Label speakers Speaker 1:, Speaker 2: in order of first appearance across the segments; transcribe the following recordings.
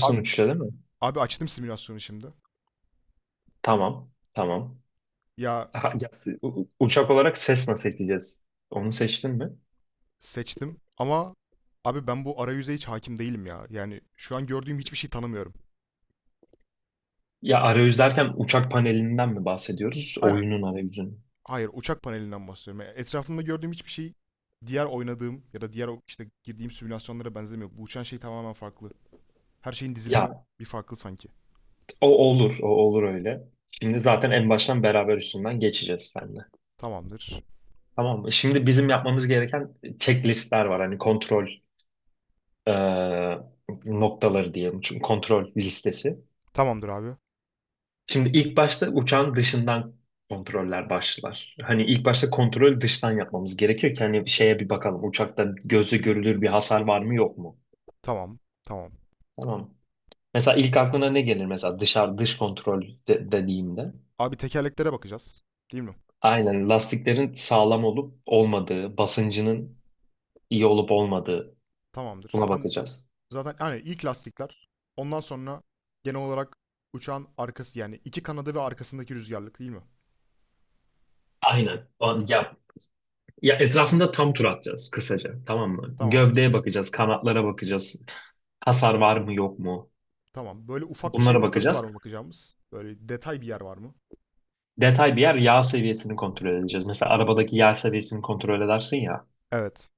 Speaker 1: Abi,
Speaker 2: uçuşa değil mi?
Speaker 1: abi açtım simülasyonu şimdi.
Speaker 2: Tamam. Tamam.
Speaker 1: Ya
Speaker 2: Ha, ya, Uçak olarak ses nasıl ekleyeceğiz? Onu seçtin mi?
Speaker 1: seçtim ama abi ben bu arayüze hiç hakim değilim ya. Yani şu an gördüğüm hiçbir şey tanımıyorum.
Speaker 2: Ya arayüz derken uçak panelinden mi bahsediyoruz?
Speaker 1: Aynen.
Speaker 2: Oyunun arayüzünü.
Speaker 1: Hayır, uçak panelinden bahsediyorum. Yani etrafımda gördüğüm hiçbir şey diğer oynadığım ya da diğer o- işte girdiğim simülasyonlara benzemiyor. Bu uçan şey tamamen farklı. Her şeyin dizilimi
Speaker 2: Ya
Speaker 1: bir farklı sanki.
Speaker 2: O olur öyle. Şimdi zaten en baştan beraber üstünden geçeceğiz seninle.
Speaker 1: Tamamdır.
Speaker 2: Tamam mı? Şimdi bizim yapmamız gereken checklistler var. Hani kontrol e, noktaları diyelim. Çünkü kontrol listesi.
Speaker 1: Tamamdır abi.
Speaker 2: Şimdi ilk başta uçağın dışından kontroller başlar. Hani ilk başta kontrol dıştan yapmamız gerekiyor ki hani şeye bir bakalım uçakta gözle görülür bir hasar var mı yok mu?
Speaker 1: Tamam. Tamam.
Speaker 2: Tamam. Mesela ilk aklına ne gelir mesela dışarı dış kontrol dediğimde?
Speaker 1: Abi tekerleklere bakacağız. Değil mi?
Speaker 2: Aynen lastiklerin sağlam olup olmadığı, basıncının iyi olup olmadığı
Speaker 1: Tamamdır.
Speaker 2: buna
Speaker 1: Ben
Speaker 2: bakacağız.
Speaker 1: zaten hani ilk lastikler. Ondan sonra genel olarak uçağın arkası, yani iki kanadı ve arkasındaki rüzgarlık, değil mi?
Speaker 2: Aynen. Ya, etrafında tam tur atacağız kısaca tamam mı? Gövdeye
Speaker 1: Tamamdır.
Speaker 2: bakacağız, kanatlara bakacağız. Hasar var mı yok mu?
Speaker 1: Tamam. Böyle ufak şey
Speaker 2: Bunlara
Speaker 1: noktası var
Speaker 2: bakacağız.
Speaker 1: mı bakacağımız? Böyle detay bir yer var mı?
Speaker 2: Detay bir yer yağ seviyesini kontrol edeceğiz. Mesela arabadaki yağ seviyesini kontrol edersin ya.
Speaker 1: Evet.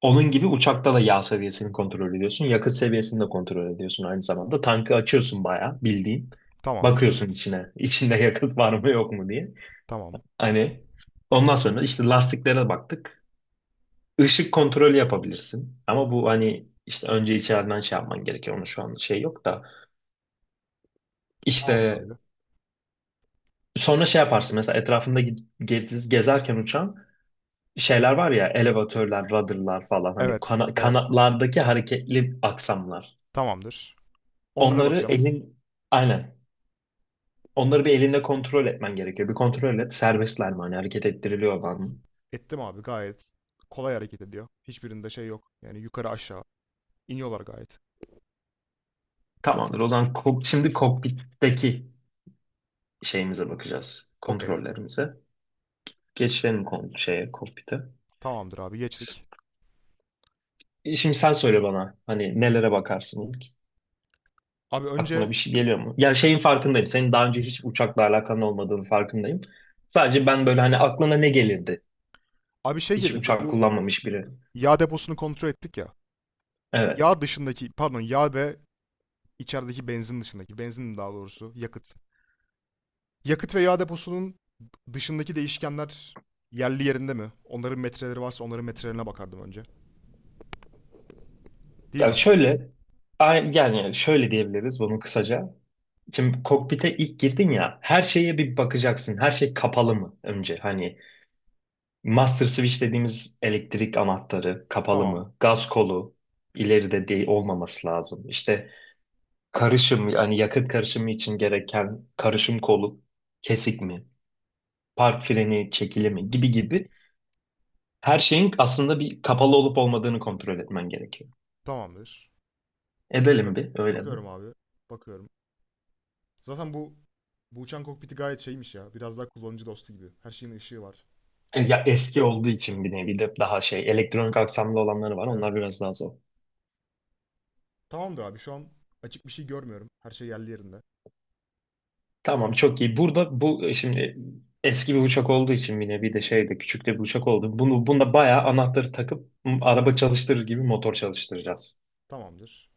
Speaker 2: Onun gibi uçakta da yağ seviyesini kontrol ediyorsun. Yakıt seviyesini de kontrol ediyorsun aynı zamanda. Tankı açıyorsun bayağı bildiğin.
Speaker 1: Tamamdır.
Speaker 2: Bakıyorsun içine. İçinde yakıt var mı yok mu diye.
Speaker 1: Tamam.
Speaker 2: Hani ondan sonra işte lastiklere baktık. Işık kontrolü yapabilirsin. Ama bu hani işte önce içeriden şey yapman gerekiyor. Onun şu an şey yok da.
Speaker 1: Tamamdır
Speaker 2: İşte
Speaker 1: abi.
Speaker 2: sonra şey yaparsın. Mesela etrafında gezerken uçağın şeyler var ya elevatörler, rudder'lar falan hani
Speaker 1: Evet. Evet.
Speaker 2: kanatlardaki hareketli aksamlar.
Speaker 1: Tamamdır. Onlara
Speaker 2: Onları
Speaker 1: bakacağım.
Speaker 2: elin aynen. Onları bir elinde kontrol etmen gerekiyor. Bir kontrol et serbestler mi hani hareket ettiriliyorlar mı?
Speaker 1: Ettim abi gayet. Kolay hareket ediyor. Hiçbirinde şey yok. Yani yukarı aşağı iniyorlar gayet.
Speaker 2: Tamamdır. O zaman şimdi kokpitteki şeyimize bakacağız.
Speaker 1: Okey.
Speaker 2: Kontrollerimize. Geçelim kon şeye kokpite.
Speaker 1: Tamamdır abi geçtik.
Speaker 2: Şimdi sen söyle bana hani nelere bakarsın ilk?
Speaker 1: Abi
Speaker 2: Aklına
Speaker 1: önce
Speaker 2: bir şey geliyor mu? Ya şeyin farkındayım. Senin daha önce hiç uçakla alakan olmadığını farkındayım. Sadece ben böyle hani aklına ne gelirdi.
Speaker 1: abi şey
Speaker 2: Hiç
Speaker 1: gelirdi,
Speaker 2: uçak
Speaker 1: bu
Speaker 2: kullanmamış biri.
Speaker 1: yağ deposunu kontrol ettik ya.
Speaker 2: Evet.
Speaker 1: Yağ dışındaki, pardon yağ ve içerideki benzin dışındaki, benzin daha doğrusu yakıt. Yakıt ve yağ deposunun dışındaki değişkenler yerli yerinde mi? Onların metreleri varsa onların metrelerine bakardım önce. Değil
Speaker 2: Yani
Speaker 1: mi?
Speaker 2: şöyle yani şöyle diyebiliriz bunu kısaca. Şimdi kokpite ilk girdin ya her şeye bir bakacaksın. Her şey kapalı mı önce? Hani master switch dediğimiz elektrik anahtarı kapalı
Speaker 1: Tamam.
Speaker 2: mı? Gaz kolu ileride değil olmaması lazım. İşte karışım yani yakıt karışımı için gereken karışım kolu kesik mi? Park freni çekili mi? Gibi gibi her şeyin aslında bir kapalı olup olmadığını kontrol etmen gerekiyor.
Speaker 1: Tamamdır.
Speaker 2: Edelim
Speaker 1: Bakıyorum.
Speaker 2: bir öyle mi?
Speaker 1: Bakıyorum abi. Bakıyorum. Zaten bu uçan kokpiti gayet şeymiş ya. Biraz daha kullanıcı dostu gibi. Her şeyin ışığı var.
Speaker 2: Ya
Speaker 1: Biliyorsun.
Speaker 2: eski olduğu için bir nevi de daha şey elektronik aksamlı olanları var. Onlar
Speaker 1: Evet.
Speaker 2: biraz daha zor.
Speaker 1: Tamamdır abi. Şu an açık bir şey görmüyorum. Her şey yerli yerinde.
Speaker 2: Tamam çok iyi. Burada bu şimdi eski bir uçak olduğu için bir nevi de şey de küçük de bir uçak oldu. Bunu bunda bayağı anahtarı takıp araba çalıştırır gibi motor çalıştıracağız.
Speaker 1: Tamamdır.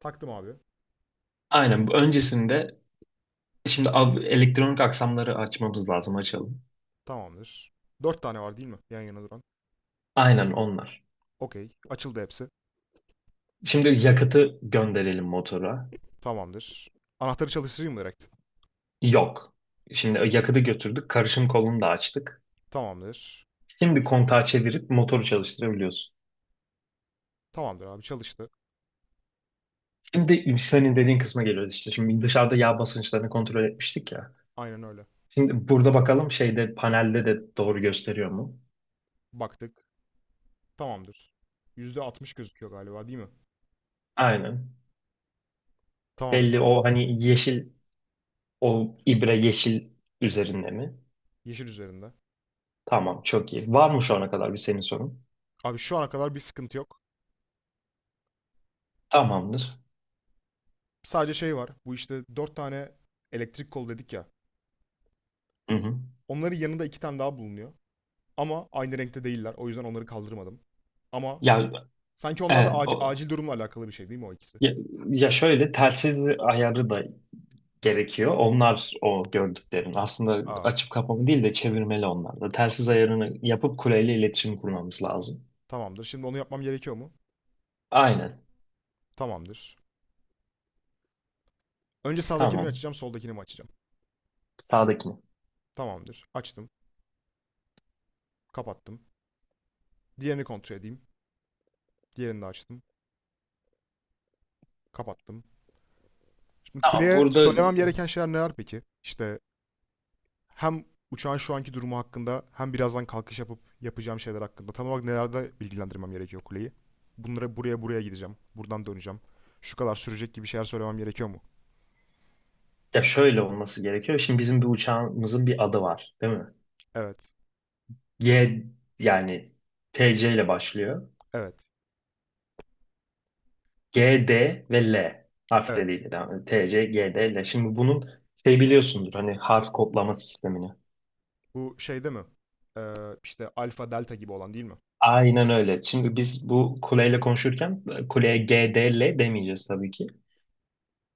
Speaker 1: Taktım abi.
Speaker 2: Aynen bu öncesinde şimdi elektronik aksamları açmamız lazım açalım.
Speaker 1: Tamamdır. Dört tane var değil mi? Yan yana duran.
Speaker 2: Aynen onlar.
Speaker 1: Okey. Açıldı hepsi.
Speaker 2: Şimdi yakıtı gönderelim motora.
Speaker 1: Tamamdır. Anahtarı çalıştırayım mı direkt?
Speaker 2: Yok. Şimdi yakıtı götürdük. Karışım kolunu da açtık.
Speaker 1: Tamamdır.
Speaker 2: Şimdi kontağı çevirip motoru çalıştırabiliyorsun.
Speaker 1: Tamamdır abi çalıştı.
Speaker 2: Şimdi senin dediğin kısma geliyoruz işte. Şimdi dışarıda yağ basınçlarını kontrol etmiştik ya.
Speaker 1: Aynen öyle.
Speaker 2: Şimdi burada bakalım şeyde panelde de doğru gösteriyor mu?
Speaker 1: Baktık. Tamamdır. %60 gözüküyor galiba değil mi?
Speaker 2: Aynen.
Speaker 1: Tamamdır
Speaker 2: Belli
Speaker 1: abi.
Speaker 2: o hani yeşil o ibre yeşil üzerinde mi?
Speaker 1: Yeşil üzerinde.
Speaker 2: Tamam çok iyi. Var mı şu ana kadar bir senin sorun?
Speaker 1: Abi şu ana kadar bir sıkıntı yok.
Speaker 2: Tamamdır.
Speaker 1: Sadece şey var. Bu işte dört tane elektrik kol dedik ya.
Speaker 2: Hı hı.
Speaker 1: Onların yanında 2 tane daha bulunuyor. Ama aynı renkte değiller. O yüzden onları kaldırmadım. Ama
Speaker 2: Ya
Speaker 1: sanki onlar da
Speaker 2: evet,
Speaker 1: acil,
Speaker 2: o,
Speaker 1: acil durumla alakalı bir şey, değil mi o ikisi?
Speaker 2: ya, ya şöyle telsiz ayarı da gerekiyor. Onlar o gördüklerin. Aslında
Speaker 1: Aa,
Speaker 2: açıp kapama değil de çevirmeli onlar da. Telsiz
Speaker 1: anladım.
Speaker 2: ayarını yapıp kuleyle iletişim kurmamız lazım.
Speaker 1: Tamamdır. Şimdi onu yapmam gerekiyor mu?
Speaker 2: Aynen.
Speaker 1: Tamamdır. Önce sağdakini mi
Speaker 2: Tamam.
Speaker 1: açacağım, soldakini mi açacağım?
Speaker 2: Sağdaki mi?
Speaker 1: Tamamdır. Açtım, kapattım. Diğerini kontrol edeyim. Diğerini de açtım, kapattım. Şimdi
Speaker 2: Tamam,
Speaker 1: kuleye
Speaker 2: burada
Speaker 1: söylemem gereken şeyler neler peki? İşte hem uçağın şu anki durumu hakkında, hem birazdan kalkış yapıp yapacağım şeyler hakkında. Tam olarak nelerde bilgilendirmem gerekiyor kuleyi? Buraya buraya gideceğim. Buradan döneceğim. Şu kadar sürecek gibi şeyler söylemem gerekiyor mu?
Speaker 2: ya şöyle olması gerekiyor. Şimdi bizim bir uçağımızın bir adı var, değil mi?
Speaker 1: Evet.
Speaker 2: G yani TC ile başlıyor.
Speaker 1: Evet.
Speaker 2: GD ve L
Speaker 1: Evet.
Speaker 2: harfleriyle devam ediyor. TC, GD, L. Şimdi bunun şey biliyorsundur hani harf kodlama sistemini.
Speaker 1: Bu şeyde mi? Ee, işte alfa delta gibi olan değil mi?
Speaker 2: Aynen öyle. Şimdi biz bu kuleyle konuşurken kuleye GD, L demeyeceğiz tabii ki.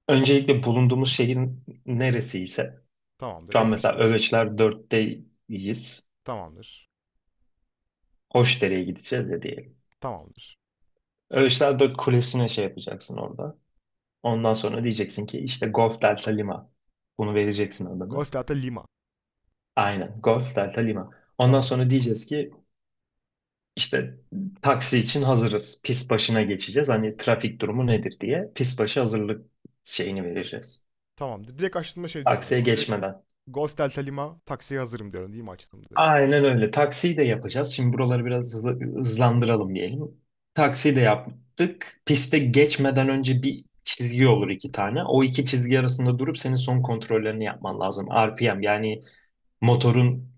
Speaker 2: Öncelikle bulunduğumuz şehrin neresi ise şu
Speaker 1: Tamamdır.
Speaker 2: an mesela
Speaker 1: Eskişehir.
Speaker 2: Öveçler dörtteyiz.
Speaker 1: Tamamdır.
Speaker 2: Hoşdere'ye gideceğiz ya diyelim.
Speaker 1: Tamamdır.
Speaker 2: Öğüşler Dört Kulesi'ne şey yapacaksın orada. Ondan sonra diyeceksin ki işte Golf Delta Lima. Bunu vereceksin adını.
Speaker 1: Golf Delta Lima.
Speaker 2: Aynen. Golf Delta Lima. Ondan
Speaker 1: Tamam.
Speaker 2: sonra diyeceğiz ki işte taksi için hazırız. Pist başına geçeceğiz. Hani trafik durumu nedir diye pist başı hazırlık şeyini vereceğiz.
Speaker 1: Tamam. Direkt açtığımda şey diyorum o
Speaker 2: Taksiye
Speaker 1: zaman. Direkt
Speaker 2: geçmeden.
Speaker 1: Golf Delta Lima taksiye hazırım diyorum değil mi açtığımda direkt?
Speaker 2: Aynen öyle. Taksiyi de yapacağız. Şimdi buraları biraz hızlandıralım diyelim. Taksiyi de yaptık. Piste geçmeden önce bir çizgi olur iki tane. O iki çizgi arasında durup senin son kontrollerini yapman lazım. RPM yani motorun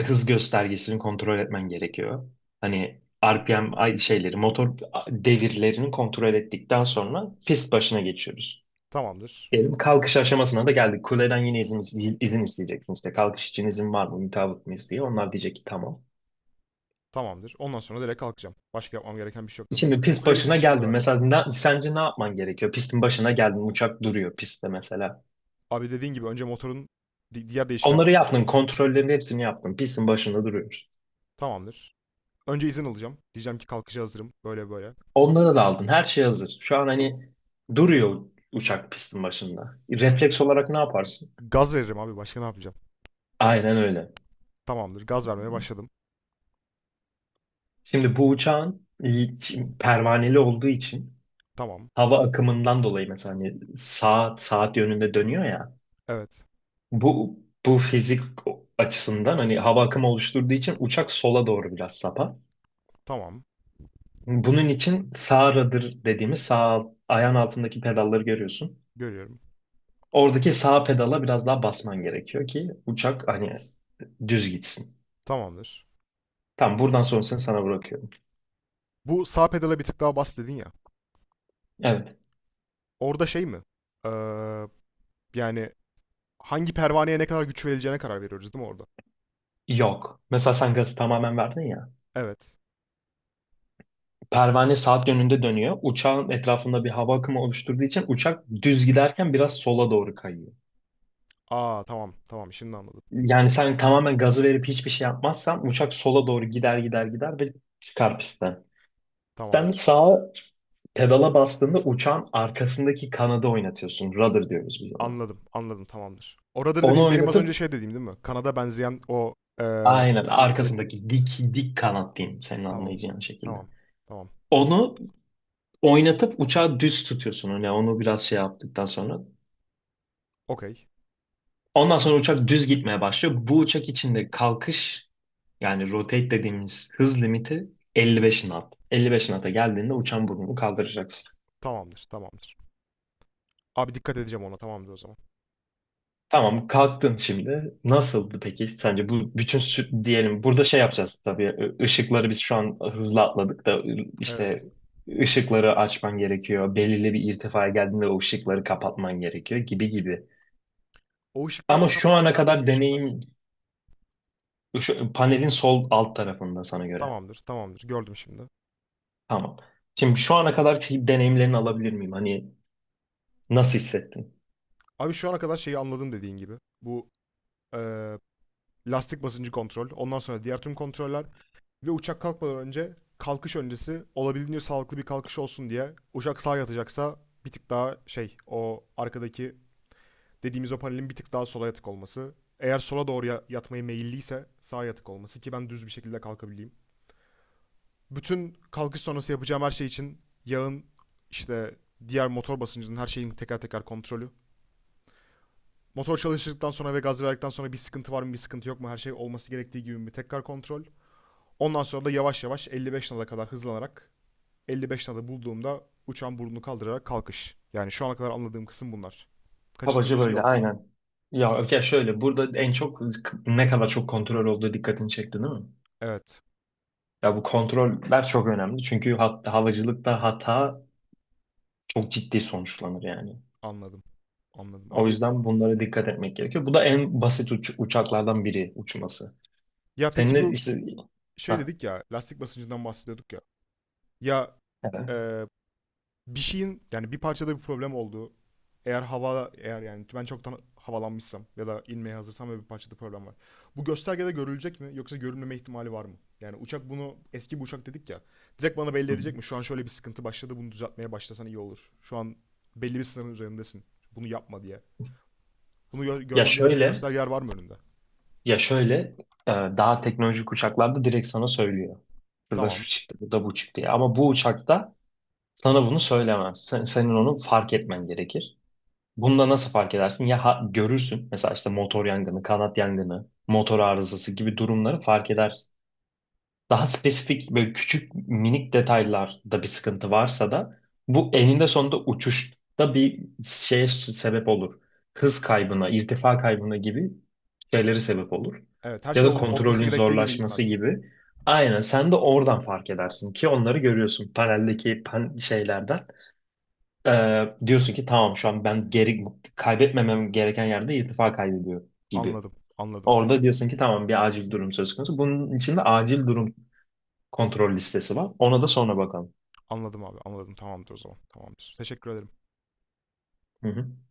Speaker 2: hız göstergesini kontrol etmen gerekiyor. Hani RPM şeyleri, motor devirlerini kontrol ettikten sonra pist başına geçiyoruz.
Speaker 1: Tamamdır.
Speaker 2: Diyelim kalkış aşamasına da geldik. Kuleden yine izin isteyeceksin. İşte kalkış için izin var mı, mutabık mıyız diye. Onlar diyecek ki tamam.
Speaker 1: Tamamdır. Ondan sonra direkt kalkacağım. Başka yapmam gereken bir şey yok değil mi?
Speaker 2: Şimdi pist
Speaker 1: Kuleyle
Speaker 2: başına
Speaker 1: iletişim bu
Speaker 2: geldin.
Speaker 1: kadar.
Speaker 2: Mesela sence ne yapman gerekiyor? Pistin başına geldin. Uçak duruyor pistte mesela.
Speaker 1: Abi dediğin gibi önce motorun diğer
Speaker 2: Onları
Speaker 1: değişkenlerini kontrol
Speaker 2: yaptın.
Speaker 1: edeceğim.
Speaker 2: Kontrollerin hepsini yaptın. Pistin başında duruyor.
Speaker 1: Tamamdır. Önce izin alacağım. Diyeceğim ki kalkışa hazırım. Böyle böyle.
Speaker 2: Onları da aldın. Her şey hazır. Şu an hani duruyor uçak pistin başında. Refleks olarak ne yaparsın?
Speaker 1: Gaz veririm abi. Başka ne yapacağım?
Speaker 2: Aynen öyle.
Speaker 1: Tamamdır. Gaz vermeye başladım.
Speaker 2: Şimdi bu uçağın pervaneli olduğu için
Speaker 1: Tamam.
Speaker 2: hava akımından dolayı mesela hani saat yönünde dönüyor ya.
Speaker 1: Evet.
Speaker 2: Bu bu fizik açısından hani hava akımı oluşturduğu için uçak sola doğru biraz sapar.
Speaker 1: Tamam.
Speaker 2: Bunun için sağ rudder dediğimiz sağ ayağın altındaki pedalları görüyorsun.
Speaker 1: Görüyorum.
Speaker 2: Oradaki sağ pedala biraz daha basman gerekiyor ki uçak hani düz gitsin.
Speaker 1: Tamamdır.
Speaker 2: Tamam buradan sonrasını sana bırakıyorum.
Speaker 1: Bu sağ pedala bir tık daha bas dedin ya.
Speaker 2: Evet.
Speaker 1: Orada şey mi? Ee, Yani hangi pervaneye ne kadar güç verileceğine karar veriyoruz değil mi orada?
Speaker 2: Yok. Mesela sen gazı tamamen verdin ya.
Speaker 1: Evet.
Speaker 2: Pervane saat yönünde dönüyor. Uçağın etrafında bir hava akımı oluşturduğu için uçak düz giderken biraz sola doğru kayıyor.
Speaker 1: Aa tamam tamam şimdi anladım.
Speaker 2: Yani
Speaker 1: Şimdi
Speaker 2: sen
Speaker 1: anladım.
Speaker 2: tamamen gazı verip hiçbir şey yapmazsan uçak sola doğru gider ve çıkar pistten. Sen
Speaker 1: Tamamdır.
Speaker 2: sağa pedala bastığında uçan arkasındaki kanadı oynatıyorsun. Rudder diyoruz biz ona.
Speaker 1: Anladım anladım tamamdır. Oradır
Speaker 2: Onu
Speaker 1: dediğim benim az önce
Speaker 2: oynatıp
Speaker 1: şey dediğim değil mi? Kanada benzeyen o
Speaker 2: Aynen
Speaker 1: rüzgarlık dediğim.
Speaker 2: arkasındaki dik dik kanat diyeyim senin
Speaker 1: Tamam.
Speaker 2: anlayacağın şekilde.
Speaker 1: Tamam. Tamam.
Speaker 2: Onu oynatıp uçağı düz tutuyorsun. Hani onu biraz şey yaptıktan sonra.
Speaker 1: Okey.
Speaker 2: Ondan sonra uçak düz gitmeye başlıyor. Bu uçak içinde kalkış yani rotate dediğimiz hız limiti 55 knot. 55 knot'a geldiğinde uçan burnunu kaldıracaksın.
Speaker 1: Tamamdır tamamdır. Abi dikkat edeceğim ona, tamamdır o zaman.
Speaker 2: Tamam kalktın şimdi. Nasıldı peki sence bu bütün diyelim burada şey yapacağız tabii ışıkları biz şu an hızlı atladık da işte
Speaker 1: Evet.
Speaker 2: ışıkları açman gerekiyor. Belirli bir irtifaya geldiğinde o ışıkları kapatman gerekiyor gibi gibi.
Speaker 1: O ışıklar
Speaker 2: Ama
Speaker 1: tam
Speaker 2: şu
Speaker 1: olarak
Speaker 2: ana
Speaker 1: neredeki
Speaker 2: kadar
Speaker 1: ışıklar?
Speaker 2: deneyim şu, panelin sol alt tarafında sana göre.
Speaker 1: Tamamdır tamamdır gördüm şimdi.
Speaker 2: Tamam. Şimdi şu ana kadar ki deneyimlerini alabilir miyim? Hani nasıl hissettin?
Speaker 1: Abi şu ana kadar şeyi anladım dediğin gibi. Bu eee, lastik basıncı kontrol, ondan sonra diğer tüm kontroller ve uçak kalkmadan önce, kalkış öncesi, olabildiğince sağlıklı bir kalkış olsun diye uçak sağa yatacaksa bir tık daha şey, o arkadaki dediğimiz o panelin bir tık daha sola yatık olması. Eğer sola doğru yatmaya meyilliyse sağa yatık olması ki ben düz bir şekilde kalkabileyim. Bütün kalkış sonrası yapacağım her şey için yağın, işte diğer motor basıncının, her şeyin teker teker kontrolü. Motor çalıştıktan sonra ve gaz verdikten sonra bir sıkıntı var mı, bir sıkıntı yok mu, her şey olması gerektiği gibi mi, tekrar kontrol. Ondan sonra da yavaş yavaş 55 nada kadar hızlanarak 55 nada bulduğumda uçağın burnunu kaldırarak kalkış. Yani şu ana kadar anladığım kısım bunlar. Kaçırdığım
Speaker 2: Kabaca
Speaker 1: bir şey
Speaker 2: böyle
Speaker 1: yok değil mi?
Speaker 2: aynen. Ya şöyle burada en çok ne kadar çok kontrol olduğu dikkatini çekti değil mi?
Speaker 1: Evet,
Speaker 2: Ya bu kontroller çok önemli çünkü hat halıcılıkta hata çok ciddi sonuçlanır yani.
Speaker 1: anladım. Anladım.
Speaker 2: O
Speaker 1: Abi
Speaker 2: yüzden bunlara dikkat etmek gerekiyor. Bu da en basit uçaklardan biri uçması.
Speaker 1: ya peki
Speaker 2: Seninle
Speaker 1: bu
Speaker 2: işte
Speaker 1: şey
Speaker 2: ha
Speaker 1: dedik ya, lastik basıncından bahsediyorduk ya. Ya
Speaker 2: evet.
Speaker 1: e, Bir şeyin, yani bir parçada bir problem olduğu, eğer hava, eğer yani ben çoktan havalanmışsam ya da inmeye hazırsam ve bir parçada problem var. Bu göstergede görülecek mi yoksa görünmeme ihtimali var mı? Yani uçak bunu, eski bir uçak dedik ya. Direkt bana belli
Speaker 2: Hı.
Speaker 1: edecek mi? Şu an şöyle bir sıkıntı başladı, bunu düzeltmeye başlasan iyi olur. Şu an belli bir sınırın üzerindesin. Bunu yapma diye. Bunu
Speaker 2: Ya
Speaker 1: görmem gereken
Speaker 2: şöyle
Speaker 1: göstergeler var mı önünde?
Speaker 2: ya şöyle Daha teknolojik uçaklarda direkt sana söylüyor. Şurada
Speaker 1: Tamam.
Speaker 2: şu çıktı, burada bu çıktı diye. Ama bu uçakta sana bunu söylemez. Senin onu fark etmen gerekir. Bunda nasıl fark edersin? Ya görürsün mesela işte motor yangını, kanat yangını, motor arızası gibi durumları fark edersin. Daha spesifik böyle küçük minik detaylarda bir sıkıntı varsa da bu eninde sonunda uçuşta bir şeye sebep olur. Hız kaybına, irtifa kaybına gibi şeyleri sebep olur.
Speaker 1: Evet her
Speaker 2: Ya
Speaker 1: şey
Speaker 2: da
Speaker 1: olması
Speaker 2: kontrolün
Speaker 1: gerektiği gibi
Speaker 2: zorlaşması
Speaker 1: gitmez.
Speaker 2: gibi. Aynen sen de oradan fark edersin ki onları görüyorsun paneldeki pan şeylerden. Diyorsun ki tamam şu an ben geri kaybetmemem gereken yerde irtifa kaybediyor gibi.
Speaker 1: Anladım. Anladım.
Speaker 2: Orada diyorsun ki tamam bir acil durum söz konusu. Bunun içinde acil durum kontrol listesi var. Ona da sonra bakalım.
Speaker 1: Anladım abi. Anladım. Tamamdır o zaman. Tamamdır. Teşekkür ederim.
Speaker 2: Hı hı.